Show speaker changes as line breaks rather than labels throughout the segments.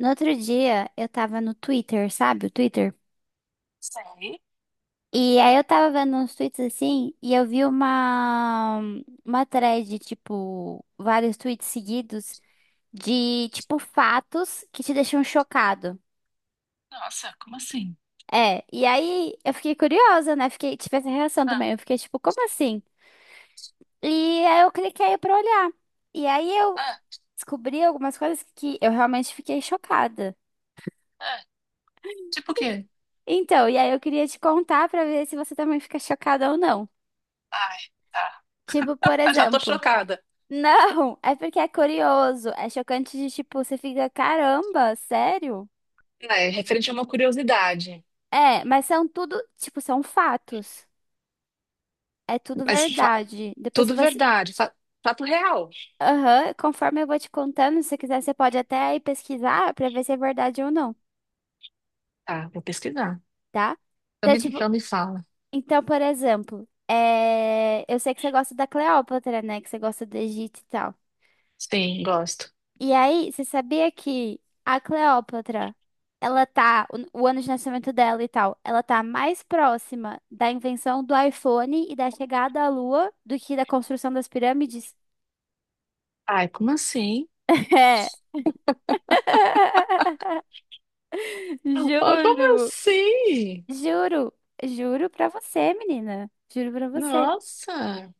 No outro dia, eu tava no Twitter, sabe? O Twitter.
Sei.
E aí eu tava vendo uns tweets assim, e eu vi uma thread, tipo, vários tweets seguidos de, tipo, fatos que te deixam chocado.
Nossa, como assim?
É, e aí eu fiquei curiosa, né? Fiquei, tive essa reação
Ah,
também. Eu fiquei, tipo, como assim? E aí eu cliquei pra olhar. E aí eu
ah,
descobri algumas coisas que eu realmente fiquei chocada.
ah. Tipo o quê?
Então, e aí eu queria te contar pra ver se você também fica chocada ou não.
Ai, tá.
Tipo, por
Ah, já tô
exemplo.
chocada.
Não, é porque é curioso, é chocante de tipo, você fica, caramba, sério?
É, referente a uma curiosidade.
É, mas são tudo, tipo, são fatos. É tudo
Mas
verdade. Depois se
tudo
você,
verdade, fato real.
aham, conforme eu vou te contando, se você quiser, você pode até ir pesquisar pra ver se é verdade ou não,
Tá, vou pesquisar.
tá?
Então
Então,
me,
tipo,
então me fala.
então, por exemplo, eu sei que você gosta da Cleópatra, né? Que você gosta do Egito e tal.
Sim, gosto.
E aí, você sabia que a Cleópatra, ela tá, o ano de nascimento dela e tal, ela tá mais próxima da invenção do iPhone e da chegada à Lua do que da construção das pirâmides?
Ai, como assim?
É.
Ah, como
Juro.
assim?
Juro. Juro pra você, menina. Juro pra você.
Nossa,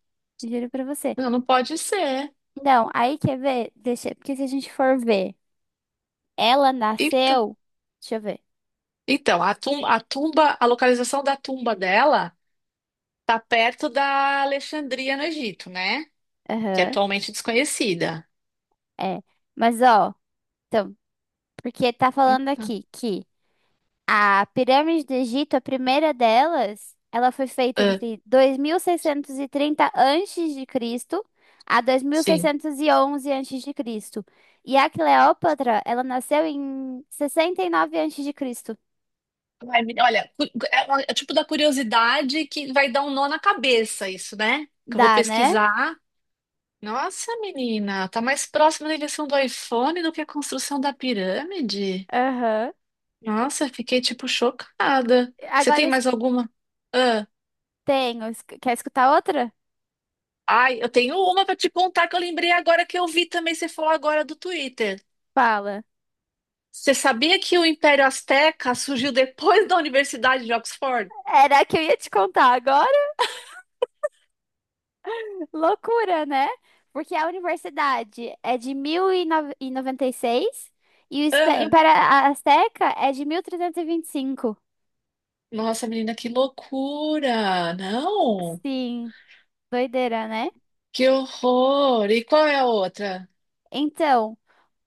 Juro pra você.
não, não pode ser.
Não, aí quer ver? Deixa, porque se a gente for ver, ela
Eita.
nasceu. Deixa eu ver.
Então, a tumba, a localização da tumba dela tá perto da Alexandria no Egito, né? Que é
Aham.
atualmente desconhecida.
É. Mas ó. Então. Porque tá falando
Eita.
aqui que a pirâmide do Egito, a primeira delas, ela foi feita
Ah,
entre 2630 antes de Cristo a
sim.
2611 antes de Cristo. E a Cleópatra, ela nasceu em 69 antes de Cristo.
Olha, é tipo da curiosidade que vai dar um nó na cabeça isso, né? Que eu vou
Dá, né?
pesquisar. Nossa, menina, tá mais próximo da invenção do iPhone do que a construção da pirâmide?
Aham.
Nossa, fiquei tipo chocada. Você
Agora
tem mais alguma? Ah,
tenho. Quer escutar outra?
ai, eu tenho uma pra te contar que eu lembrei agora que eu vi também você falar agora do Twitter.
Fala.
Você sabia que o Império Azteca surgiu depois da Universidade de Oxford?
Era a que eu ia te contar agora. Loucura, né? Porque a universidade é de mil e noventa seis e o Império Azteca é de mil trezentos e vinte e cinco.
Nossa, menina, que loucura! Não,
Sim, doideira, né?
que horror! E qual é a outra?
Então,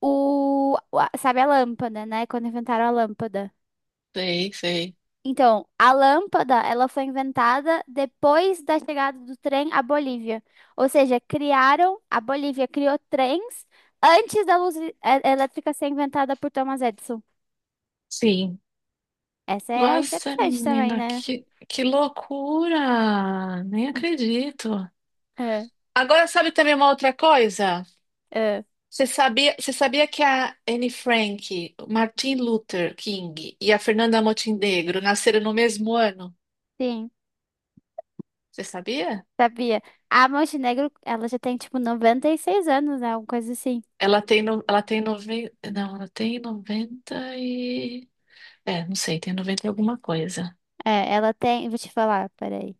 sabe a lâmpada, né? Quando inventaram a lâmpada.
Sei, sei.
Então, a lâmpada, ela foi inventada depois da chegada do trem à Bolívia. Ou seja, criaram, a Bolívia criou trens antes da luz elétrica ser inventada por Thomas Edison.
Sim.
Essa é
Nossa,
interessante também,
menina,
né?
que loucura! Nem acredito.
Ah,
Agora, sabe também uma outra coisa?
ah,
Você sabia que a Anne Frank, o Martin Luther King e a Fernanda Montenegro nasceram no mesmo ano?
sim,
Você sabia?
sabia. A Montenegro, ela já tem, tipo, 96 anos, né? Alguma coisa assim.
Ela tem, 90 não, ela tem 90. É, não sei, tem 90 e alguma coisa.
É, ela tem... Vou te falar, peraí.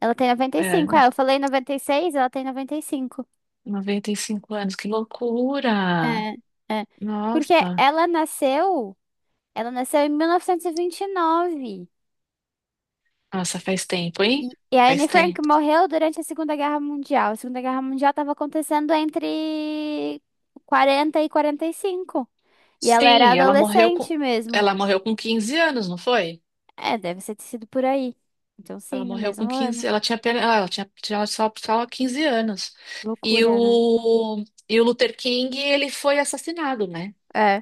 Ela tem
É,
95. É, eu
não,
falei 96 ela tem 95.
95 anos, que loucura!
É, é. Porque
Nossa,
ela nasceu... Ela nasceu em mil novecentos e vinte e nove
nossa, faz tempo, hein?
e a Anne
Faz
Frank
tempo.
morreu durante a Segunda Guerra Mundial. A Segunda Guerra Mundial estava acontecendo entre 40 e 45. E ela era
Sim, ela morreu com,
adolescente mesmo.
ela morreu com 15 anos, não foi?
É, deve ser ter sido por aí. Então,
Ela
sim, no
morreu com
mesmo
quinze,
ano.
ela tinha só 15 anos. E
Loucura, né?
o, e o Luther King, ele foi assassinado, né?
É,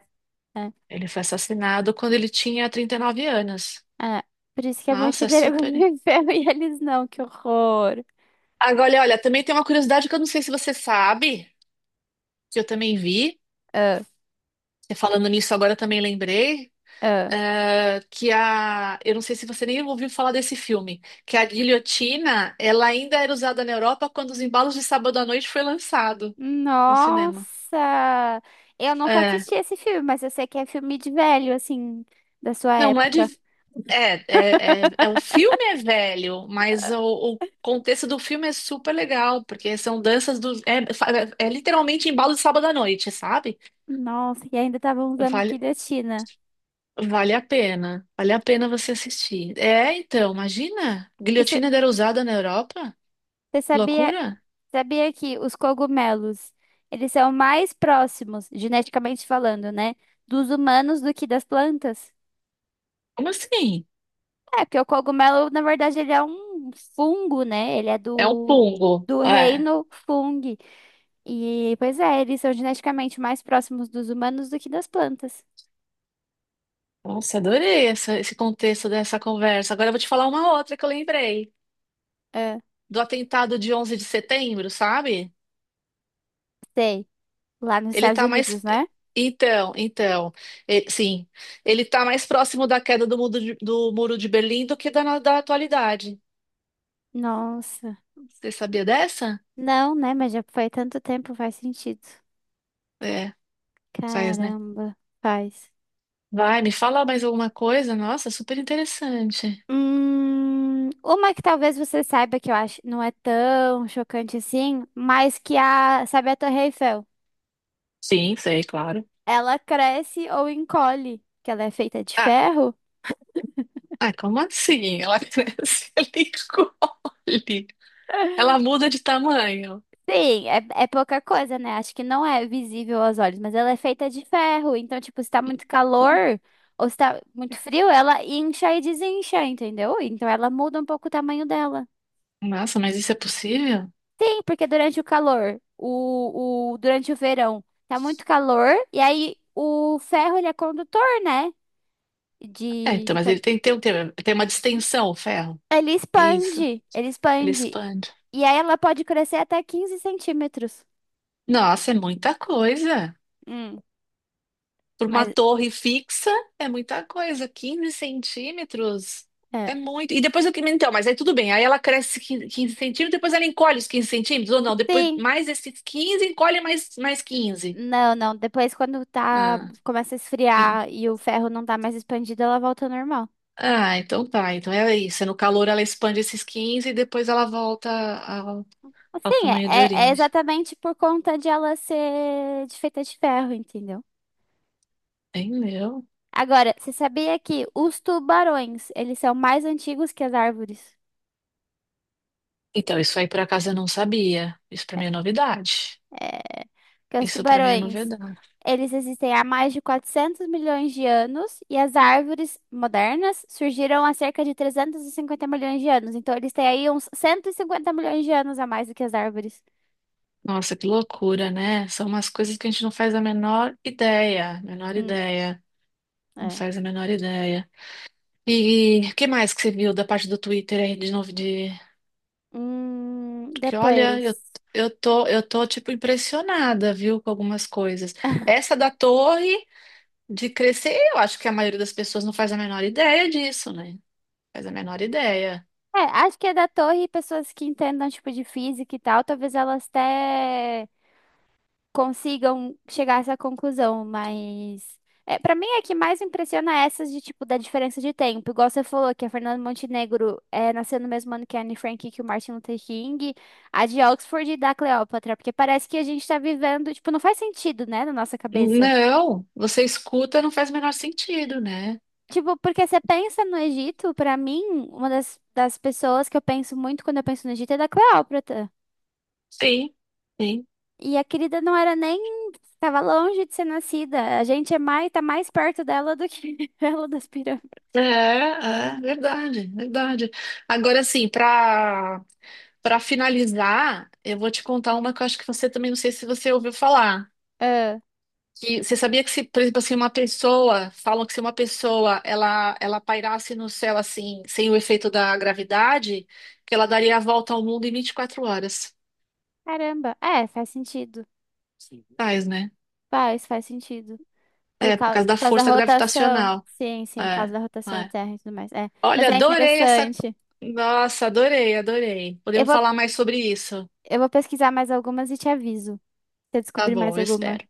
é,
Ele foi assassinado quando ele tinha 39 anos.
é. Por isso que a
Nossa, é
Montineira
super.
viveu e eles não, que horror.
Agora, olha, também tem uma curiosidade que eu não sei se você sabe, que eu também vi.
Ah,
E falando nisso, agora também lembrei,
ah.
eh, que a. eu não sei se você nem ouviu falar desse filme, que a guilhotina, ela ainda era usada na Europa quando Os Embalos de Sábado à Noite foi lançado no cinema.
Nossa! Eu nunca
É.
assisti esse filme, mas eu sei que é filme de velho, assim, da sua
Não, não é
época.
de. É, o filme é velho, mas o contexto do filme é super legal, porque são danças é literalmente embalo de sábado à noite, sabe?
Nossa, e ainda tava usando
Vale,
guilhotina.
Vale a pena. Vale a pena você assistir. É, então, imagina.
E
Guilhotina era usada na Europa?
você sabia,
Loucura?
sabia que os cogumelos, eles são mais próximos, geneticamente falando, né, dos humanos do que das plantas?
Como assim?
É, porque o cogumelo, na verdade, ele é um fungo, né? Ele é
É um
do,
fungo.
do
É.
reino fungo. E, pois é, eles são geneticamente mais próximos dos humanos do que das plantas.
Nossa, adorei esse contexto dessa conversa. Agora eu vou te falar uma outra que eu lembrei.
É,
Do atentado de 11 de setembro, sabe?
sei. Lá nos
Ele
Estados
tá mais.
Unidos, né?
Então, sim. Ele tá mais próximo da queda do Muro de Berlim do que da atualidade.
Nossa.
Você sabia dessa?
Não, né? Mas já foi tanto tempo, faz sentido.
É, faz, né?
Caramba, faz.
Vai, me fala mais alguma coisa? Nossa, super interessante.
Uma que talvez você saiba que eu acho não é tão chocante assim, mas que a, sabe a Torre Eiffel?
Sim, sei, claro.
Ela cresce ou encolhe, que ela é feita de
Ah,
ferro.
ah, como assim? Ela cresce, ela encolhe. Ela muda de tamanho.
Sim, é pouca coisa, né? Acho que não é visível aos olhos, mas ela é feita de ferro. Então, tipo, se tá muito calor ou se tá muito frio, ela incha e desincha, entendeu? Então, ela muda um pouco o tamanho dela.
Nossa, mas isso é possível?
Sim, porque durante o calor, durante o verão, tá muito calor, e aí o ferro, ele é condutor, né?
É,
De,
então,
de
mas
coi-
ele tem que ter tem uma distensão, o ferro.
Ele
É isso.
expande, ele
Ele
expande.
expande.
E aí ela pode crescer até 15 centímetros.
Nossa, é muita coisa.
Hum,
Por uma
mas,
torre fixa, é muita coisa. Quinze centímetros
é.
é muito. E depois o que. Então, mas aí tudo bem. Aí ela cresce 15 centímetros, depois ela encolhe os 15 centímetros, ou não? Depois
Sim,
mais esses 15 encolhe mais, mais quinze.
não, não. Depois, quando tá,
Ah,
começa a
en-
esfriar e o ferro não tá mais expandido, ela volta ao normal.
ah, então tá. Então é isso. É, no calor ela expande esses 15 e depois ela volta ao
Assim,
tamanho de
é
origem.
exatamente por conta de ela ser de feita de ferro, entendeu?
Entendeu?
Agora, você sabia que os tubarões, eles são mais antigos que as árvores?
Então, isso aí por acaso eu não sabia. Isso pra mim é novidade.
É, que os
Isso pra mim é
tubarões,
novidade.
eles existem há mais de 400 milhões de anos e as árvores modernas surgiram há cerca de 350 milhões de anos. Então, eles têm aí uns 150 milhões de anos a mais do que as árvores.
Nossa, que loucura, né? São umas coisas que a gente não faz a menor
Hum,
ideia, não
é.
faz a menor ideia. E o que mais que você viu da parte do Twitter aí de novo de porque olha,
Depois.
eu tô tipo impressionada, viu, com algumas coisas. Essa da torre de crescer, eu acho que a maioria das pessoas não faz a menor ideia disso, né? Faz a menor ideia.
É, acho que é da torre, pessoas que entendam, tipo, de física e tal, talvez elas até consigam chegar a essa conclusão, mas para mim é que mais impressiona essas de tipo da diferença de tempo. Igual você falou que a Fernanda Montenegro nasceu no mesmo ano que a Anne Frank e que o Martin Luther King, a de Oxford e da Cleópatra, porque parece que a gente tá vivendo, tipo, não faz sentido, né, na nossa cabeça.
Não, você escuta, não faz o menor sentido, né?
Tipo, porque você pensa no Egito, pra mim, uma das pessoas que eu penso muito quando eu penso no Egito é da Cleópatra.
Sim, sim.
E a querida não era nem Tava longe de ser nascida. A gente tá mais perto dela do que ela das pirâmides.
É, é verdade, verdade. Agora, assim, para finalizar, eu vou te contar uma que eu acho que você também não sei se você ouviu falar.
Ah,
Que você sabia que se, por exemplo, assim, uma pessoa, falam que se uma pessoa ela pairasse no céu assim, sem o efeito da gravidade, que ela daria a volta ao mundo em 24 horas.
caramba. É, faz sentido.
Sim. Faz, né?
Faz sentido. Por
É, por
causa,
causa da
por causa da
força
rotação.
gravitacional.
Sim, sim, por causa
É,
da rotação da
é.
Terra e tudo mais. É, mas
Olha,
é
adorei essa.
interessante.
Nossa, adorei, adorei.
Eu
Podemos
vou,
falar mais sobre isso.
eu vou pesquisar mais algumas e te aviso se eu
Tá
descobrir mais
bom, eu
alguma.
espero.